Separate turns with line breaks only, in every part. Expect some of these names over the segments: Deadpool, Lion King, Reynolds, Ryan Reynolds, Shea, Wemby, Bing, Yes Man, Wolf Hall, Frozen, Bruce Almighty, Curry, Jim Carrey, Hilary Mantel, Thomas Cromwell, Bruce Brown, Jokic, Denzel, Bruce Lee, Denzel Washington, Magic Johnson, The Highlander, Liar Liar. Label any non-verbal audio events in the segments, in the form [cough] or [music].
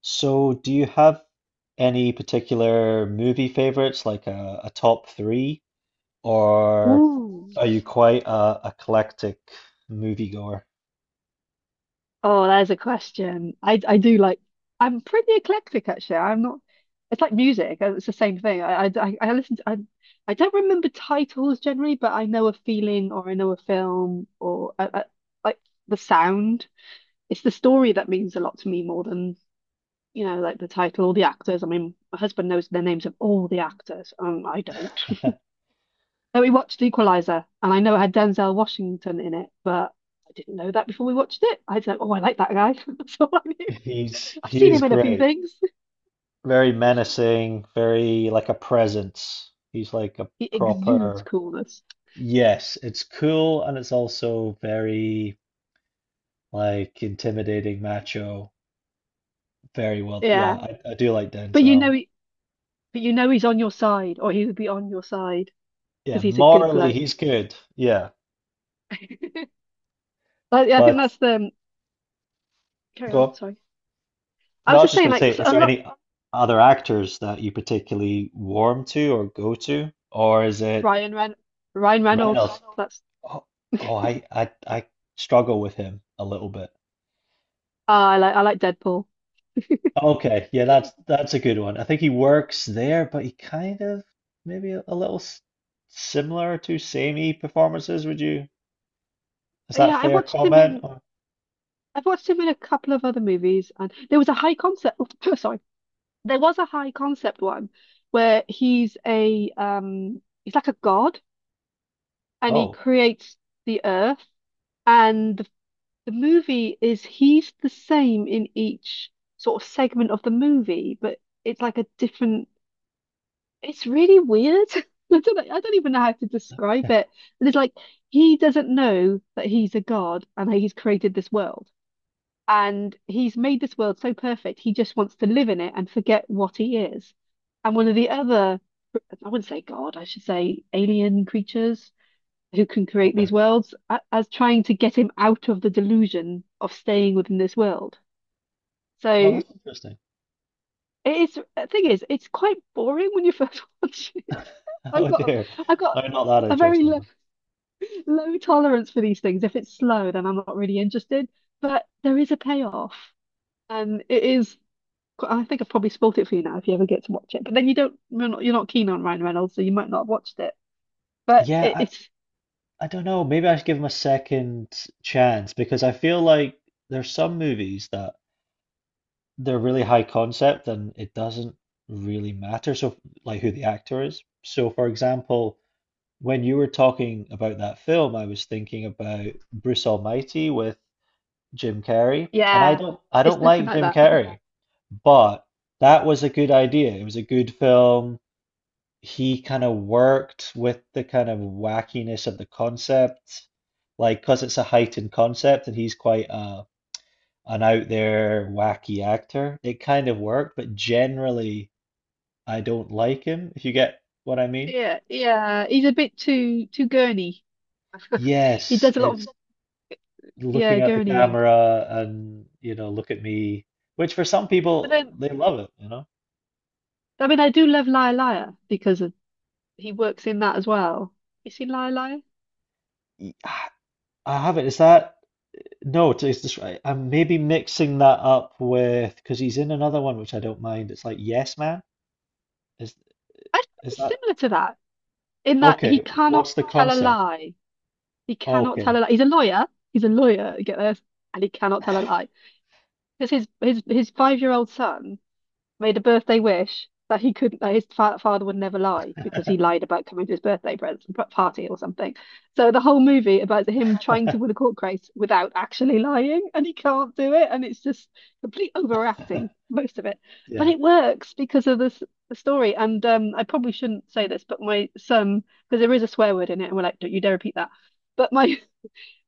So, do you have any particular movie favorites, like a top three, or
Ooh.
are you quite a eclectic moviegoer?
Oh, there's a question. I do like I'm pretty eclectic actually. I'm not it's like music. It's the same thing. I listen to, I don't remember titles generally, but I know a feeling or I know a film or like the sound. It's the story that means a lot to me more than, like the title or the actors. I mean, my husband knows the names of all the actors. I don't.
[laughs]
So we watched Equalizer, and I know it had Denzel Washington in it, but I didn't know that before we watched it. I was like, oh, I like that guy. [laughs] That's all I knew.
He's
I've
he
seen
is
him in a few
great.
things. [laughs]
Very menacing, very like a presence. He's like a
He exudes
proper.
coolness.
Yes, it's cool and it's also very like intimidating macho. Very well. Yeah,
Yeah,
I do like
but
Denzel.
he's on your side, or he would be on your side
Yeah,
because he's a good
morally
bloke.
he's good. Yeah.
[laughs] But yeah, I think
But
that's the carry
go
on.
on.
Sorry, I
No, I
was
was
just
just
saying
going to
like
say,
so
is
a
there
lot.
any other actors that you particularly warm to or go to, or is it
Ryan Ren Ryan Reynolds.
Reynolds?
That's
Oh, oh, I struggle with him a little bit.
ah, I like Deadpool.
Okay, yeah, that's a good one. I think he works there, but he kind of maybe a little similar to samey performances. Would you? Is that a
Yeah,
fair comment? Or,
I've watched him in a couple of other movies, and there was a high concept. [laughs] sorry, There was a high concept one where he's like a god and he
oh,
creates the earth and the movie is he's the same in each sort of segment of the movie but it's like a different it's really weird. [laughs] I don't know, I don't even know how to describe it. And it's like he doesn't know that he's a god and that he's created this world. And he's made this world so perfect, he just wants to live in it and forget what he is. And one of the other, I wouldn't say God, I should say alien creatures who can create
okay.
these worlds, as trying to get him out of the delusion of staying within this world.
Oh,
So
that's interesting.
it's the thing is, it's quite boring when you first [laughs] watch it.
[laughs] Oh dear.
I've got
No, not that
a very
interesting.
low tolerance for these things. If it's slow, then I'm not really interested. But there is a payoff. And it is I think I've probably spoiled it for you now if you ever get to watch it. But then you're not keen on Ryan Reynolds, so you might not have watched it. But it,
Yeah,
it's,
I don't know. Maybe I should give them a second chance because I feel like there's some movies that they're really high concept and it doesn't really matter. So, like who the actor is. So, for example, when you were talking about that film, I was thinking about Bruce Almighty with Jim Carrey, and I
yeah,
don't I
it's
don't
nothing
like
like
Jim
that. [laughs]
Carrey, but that was a good idea. It was a good film he kind of worked with the kind of wackiness of the concept, like because it's a heightened concept and he's quite a an out there wacky actor. It kind of worked, but generally I don't like him, if you get what I mean.
Yeah, yeah, he's a bit too gurney. He
Yes,
does a lot
it's
of
looking
yeah
at the, yeah,
gurneying.
camera and you know, look at me, which for some
But
people
then,
they love it.
I mean, I do love Liar Liar because of, he works in that as well. You seen Liar Liar?
Y- I I have it. Is that. No, it's, just, I'm maybe mixing that up with because he's in another one which I don't mind. It's like Yes Man. Is
I think
is
it's
that
similar to that in that he
okay?
cannot
What's the
tell a
concept?
lie. He cannot tell
Okay.
a lie. He's a lawyer. He's a lawyer. Get this? And he cannot tell a lie because his 5 year old son made a birthday wish that he couldn't that his fa father would never lie because he lied about coming to his party or something. So the whole movie about him trying to win a
[laughs]
court case without actually lying, and he can't do it, and it's just complete overacting most of it, but
Yeah.
it works because of this the story. And I probably shouldn't say this, but my son because there is a swear word in it, and we're like, don't you dare repeat that. But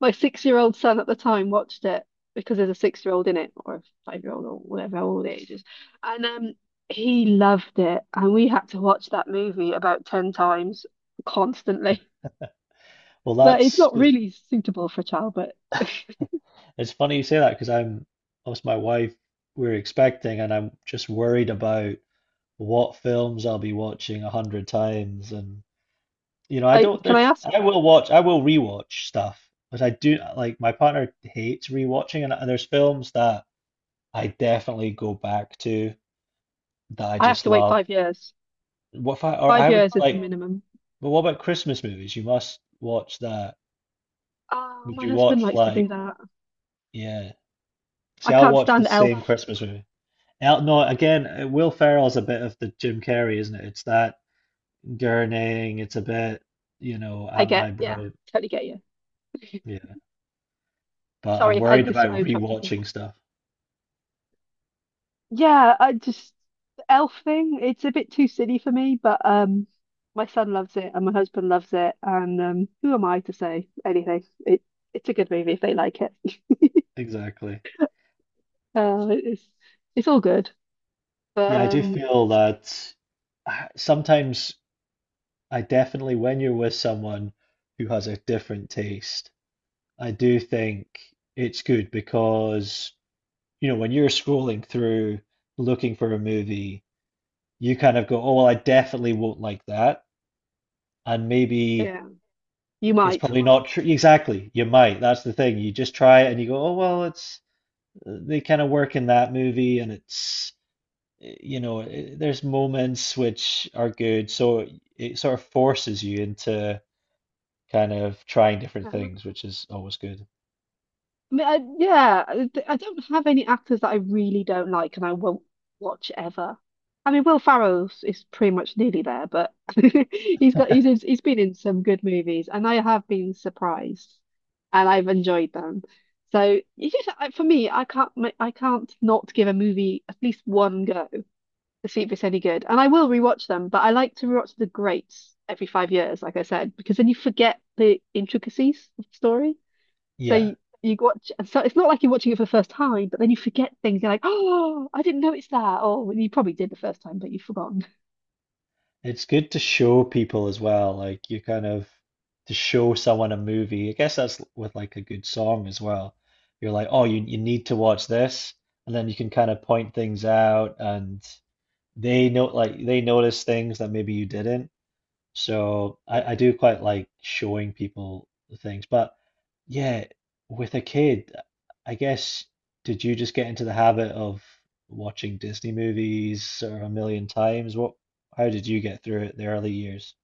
my six-year-old son at the time watched it because there's a six-year-old in it, or a five-year-old, or whatever how old age is, and he loved it, and we had to watch that movie about ten times constantly. [laughs]
Well,
But it's
that's
not
'cause
really suitable for a child. But [laughs]
it's funny you say that because I'm, us, my wife, we're expecting and I'm just worried about what films I'll be watching 100 times and you know I
I
don't
can I
there's
ask?
I will rewatch stuff but I do like my partner hates rewatching and there's films that. I definitely go back to that I
I have
just
to wait
love.
5 years.
What if I or
Five
I would
years is the
like,
minimum.
but what about Christmas movies? You must watch that.
Oh,
Would
my
you
husband
watch
likes to
like,
do that.
yeah. See,
I
I'll
can't
watch the
stand Elf.
same Christmas movie. No, again, Will Ferrell's a bit of the Jim Carrey, isn't it? It's that gurning, it's a bit, you know,
I
I'm
get, yeah,
eyebrow.
totally get you.
Yeah.
[laughs]
But I'm
Sorry,
worried
I
about
interrupted you.
rewatching stuff.
Yeah, I just the elf thing, it's a bit too silly for me, but my son loves it and my husband loves it and who am I to say anything? It's a good movie if they like it. [laughs]
Exactly.
Uh, it's it's all good. But
Yeah, I do feel that sometimes I definitely, when you're with someone who has a different taste, I do think it's good because, you know, when you're scrolling through looking for a movie, you kind of go, oh, well, I definitely won't like that. And maybe
yeah, you
it's
might.
probably not true. Exactly. You might. That's the thing. You just try it and you go, oh, well, it's, they kind of work in that movie and it's, you know, there's moments which are good. So it sort of forces you into, kind of trying different things, which is always good.
I mean, yeah, I don't have any actors that I really don't like and I won't watch ever. I mean, Will Ferrell's is pretty much nearly there, but [laughs]
[laughs]
he's been in some good movies, and I have been surprised, and I've enjoyed them. So you just, for me, I can't not give a movie at least one go to see if it's any good, and I will rewatch them. But I like to rewatch the greats every 5 years, like I said, because then you forget the intricacies of the story. So
Yeah,
you watch, so it's not like you're watching it for the first time, but then you forget things. You're like, oh, I didn't notice that. Or well, you probably did the first time, but you've forgotten.
it's good to show people as well. Like you kind of to show someone a movie. I guess that's with like a good song as well. You're like, oh, you need to watch this, and then you can kind of point things out, and they know like they notice things that maybe you didn't. So I
Yeah.
do quite like showing people the things. But yeah, with a kid, I guess, did you just get into the habit of watching Disney movies or a million times? What, how did you get through it the early years?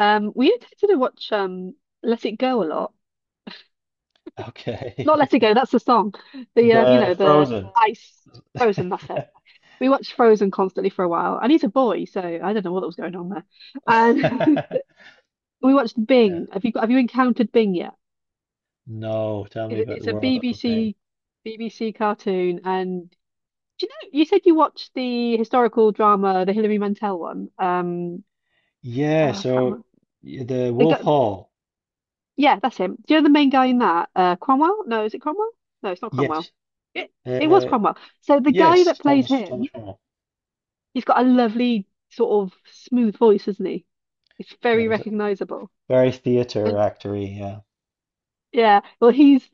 We tended to watch Let It Go a lot.
Okay.
Not Let It
[laughs]
Go, that's the song. The you know,
The
the
Frozen.
ice
[laughs]
frozen, that's it.
Yeah.
We watched Frozen constantly for a while, and he's a boy, so I don't know what was going on there. And [laughs]
[laughs]
we watched
Yeah.
Bing. Have you encountered Bing yet?
No, tell me
It-
about
It's
the
a
World of Thing.
BBC cartoon, and do you know you said you watched the historical drama, the Hilary Mantel one. Oh,
Yeah,
I can't
so
remember.
the
They got
Wolf Hall.
yeah, that's him. Do you know the main guy in that? Cromwell? No, is it Cromwell? No, it's not Cromwell.
Yes.
It it was
Uh,
Cromwell. So the guy that
yes,
plays
Thomas
him,
Thomas Cromwell.
he's got a lovely sort of smooth voice, isn't he? It's
Yeah,
very recognizable.
very theater
And
actory, yeah.
yeah,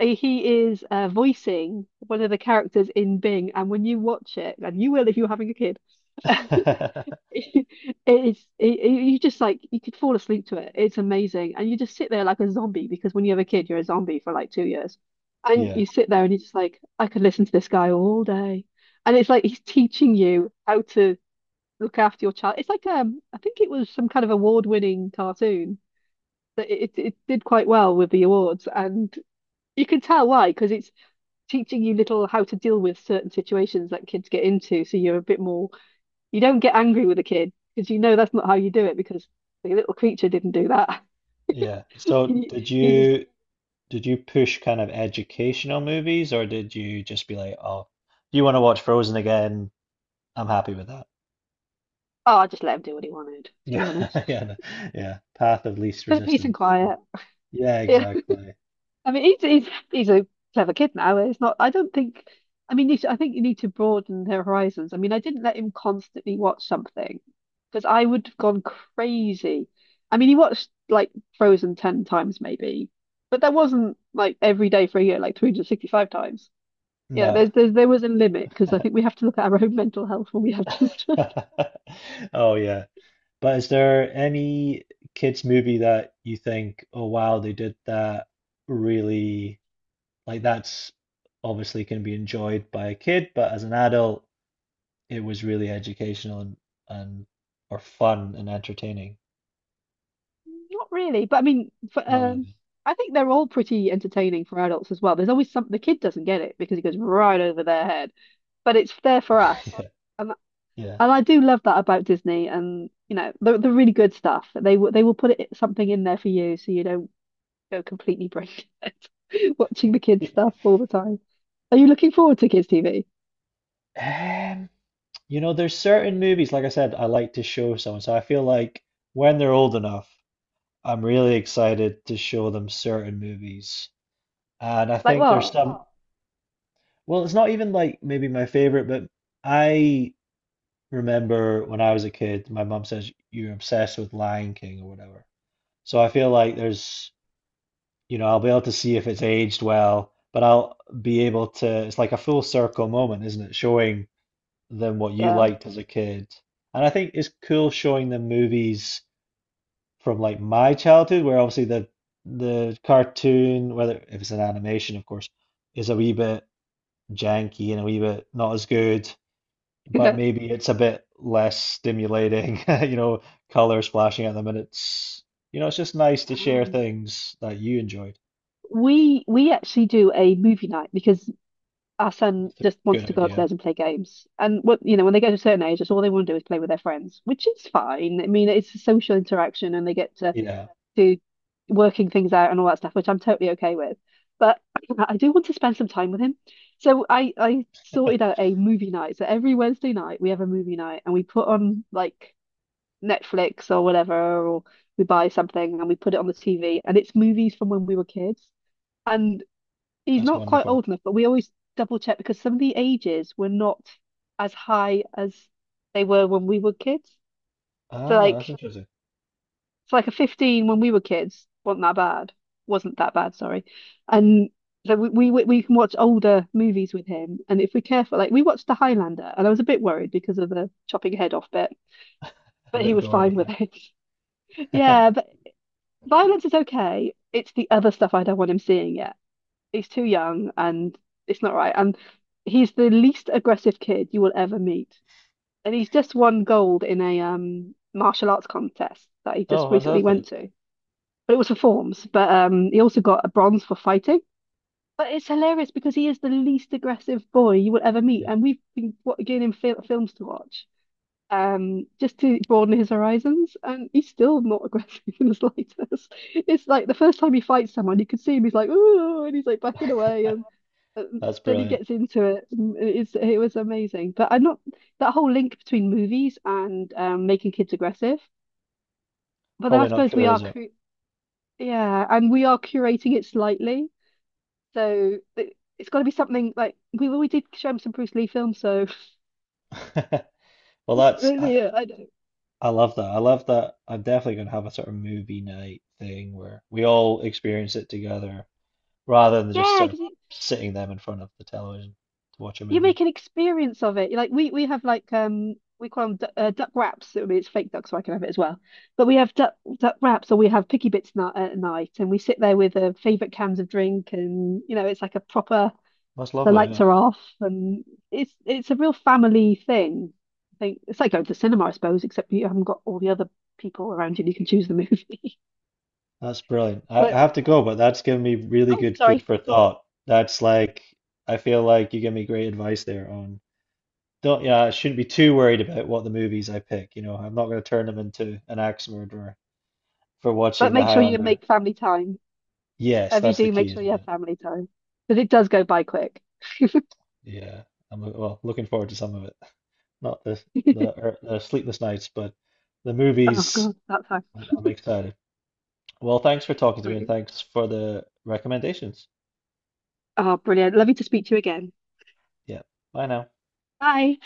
he is voicing one of the characters in Bing, and when you watch it, and you will if you're having a kid, [laughs] it
[laughs]
is you just like you could fall asleep to it. It's amazing, and you just sit there like a zombie because when you have a kid, you're a zombie for like 2 years, and
Yeah,
you sit there and you're just like, I could listen to this guy all day, and it's like he's teaching you how to look after your child. It's like I think it was some kind of award-winning cartoon that it did quite well with the awards and you can tell why, because it's teaching you little how to deal with certain situations that kids get into. So you're a bit more, you don't get angry with a kid because you know that's not how you do it because the little creature didn't do that. [laughs]
yeah. So
He,
did
he was,
you did you push kind of educational movies or did you just be like, oh, you want to watch Frozen again? I'm happy with that.
oh, I just let him do what he wanted, to be
Yeah, [laughs]
honest.
yeah, no, yeah. Path of least
But peace and
resistance.
quiet.
Yeah,
Yeah.
exactly.
I mean, he's a clever kid now. It's not. I don't think. I mean, you should, I think you need to broaden their horizons. I mean, I didn't let him constantly watch something because I would have gone crazy. I mean, he watched like Frozen ten times maybe, but that wasn't like every day for a year, like 365 times. Yeah,
No.
there was a limit because I think we have to look at our own mental health when we have
[laughs]
children.
Oh yeah. But is there any kids movie that you think, oh wow, they did that really. Like that's obviously can be enjoyed by a kid, but as an adult, it was really educational and, or fun and entertaining.
[laughs] Not really, but I mean,
Not really.
I think they're all pretty entertaining for adults as well. There's always something the kid doesn't get it because it goes right over their head, but it's there for us.
[laughs] Yeah.
And
Yeah.
I do love that about Disney, and you know the really good stuff. They will put it, something in there for you so you don't go completely brain dead [laughs] watching the kids
Y-
stuff all the time. Are you looking forward to kids TV?
Um, you know, there's certain movies, like I said, I like to show someone. So I feel like when they're old enough, I'm really excited to show them certain movies. And I
Like
think there's
what?
some. Oh, well, it's not even like maybe my favorite, but I remember when I was a kid, my mum says, you're obsessed with Lion King or whatever. So I feel like there's, you know, I'll be able to see if it's aged well, but I'll be able to, it's like a full circle moment, isn't it? Showing them what you
Yeah.
liked as a kid. And I think it's cool showing them movies from like my childhood, where obviously the cartoon, whether if it's an animation, of course, is a wee bit janky and a wee bit not as good, but
[laughs]
maybe it's a bit less stimulating, [laughs] you know, color splashing at them, and it's, you know, it's just nice to share
Um,
things that you enjoy.
we actually do a movie night because our son
That's a
just
good
wants to go
idea.
upstairs and play games. And what you know, when they get to a certain age, that's all they want to do is play with their friends, which is fine. I mean, it's a social interaction and they get
Yeah,
to working things out and all that stuff, which I'm totally okay with. But [clears throat] I do want to spend some time with him. So I sorted out a movie night. So every Wednesday night we have a movie night and we put on like Netflix or whatever, or we buy something and we put it on the TV and it's movies from when we were kids. And he's
that's
not quite
wonderful.
old enough, but we always double check because some of the ages were not as high as they were when we were kids. So
Ah, that's interesting.
like a 15 when we were kids wasn't that bad. Wasn't that bad, sorry. And so we can watch older movies with him. And if we're careful, like we watched The Highlander and I was a bit worried because of the chopping head off bit,
A
but he
bit
was fine
gory,
with it. [laughs]
yeah. [laughs]
Yeah, but violence is okay. It's the other stuff I don't want him seeing yet. He's too young and it's not right. And he's the least aggressive kid you will ever meet. And he's just won gold in a martial arts contest that he
Oh,
just recently
fantastic.
went to, but it was for forms. But he also got a bronze for fighting. But it's hilarious because he is the least aggressive boy you will ever meet,
Mm.
and we've been getting him films to watch, just to broaden his horizons, and he's still not [laughs] aggressive in the slightest. [laughs] It's like the first time he fights someone, you can see him. He's like, ooh, and he's like backing away,
[laughs]
and
That's
then he
brilliant.
gets into it. And It's it was amazing. But I'm not that whole link between movies and making kids aggressive. But I
Probably not
suppose we
true,
are
is it?
cre yeah, and we are curating it slightly. So it's got to be something like we did show him some Bruce Lee films, so [laughs]
[laughs] Well, that's I,
yeah, I don't,
I love that. I love that. I'm definitely gonna have a sort of movie night thing where we all experience it together rather than just
yeah,
sort of
because
sitting them in front of the television to watch a
you
movie.
make an experience of it. Like we have like we call them du duck wraps. I mean, it's fake duck, so I can have it as well. But we have duck wraps, or we have picky bits na at night, and we sit there with favorite cans of drink, and you know, it's like a proper
That's
the
lovely,
lights are
yeah.
off, and it's a real family thing. I think it's like going to the cinema, I suppose, except you haven't got all the other people around you and you can choose the movie. [laughs]
That's brilliant. I
But
have to go, but that's given me really
oh,
good food
sorry.
for thought. That's like I feel like you give me great advice there on, don't, yeah, I shouldn't be too worried about what the movies I pick. You know, I'm not going to turn them into an axe murderer for watching
But
The
make sure you
Highlander.
make family time.
Yes,
If you
that's the
do, make
key,
sure
isn't
you have
it?
family time because it does go by quick.
Yeah, I'm well looking forward to some of it. Not the
[laughs]
the, er, the sleepless nights, but the
Oh
movies.
God, that sounds
I'm excited. Well, thanks for talking to me, and
brilliant.
thanks for the recommendations.
Oh, brilliant. Lovely to speak to you again.
Yeah, bye now.
Bye.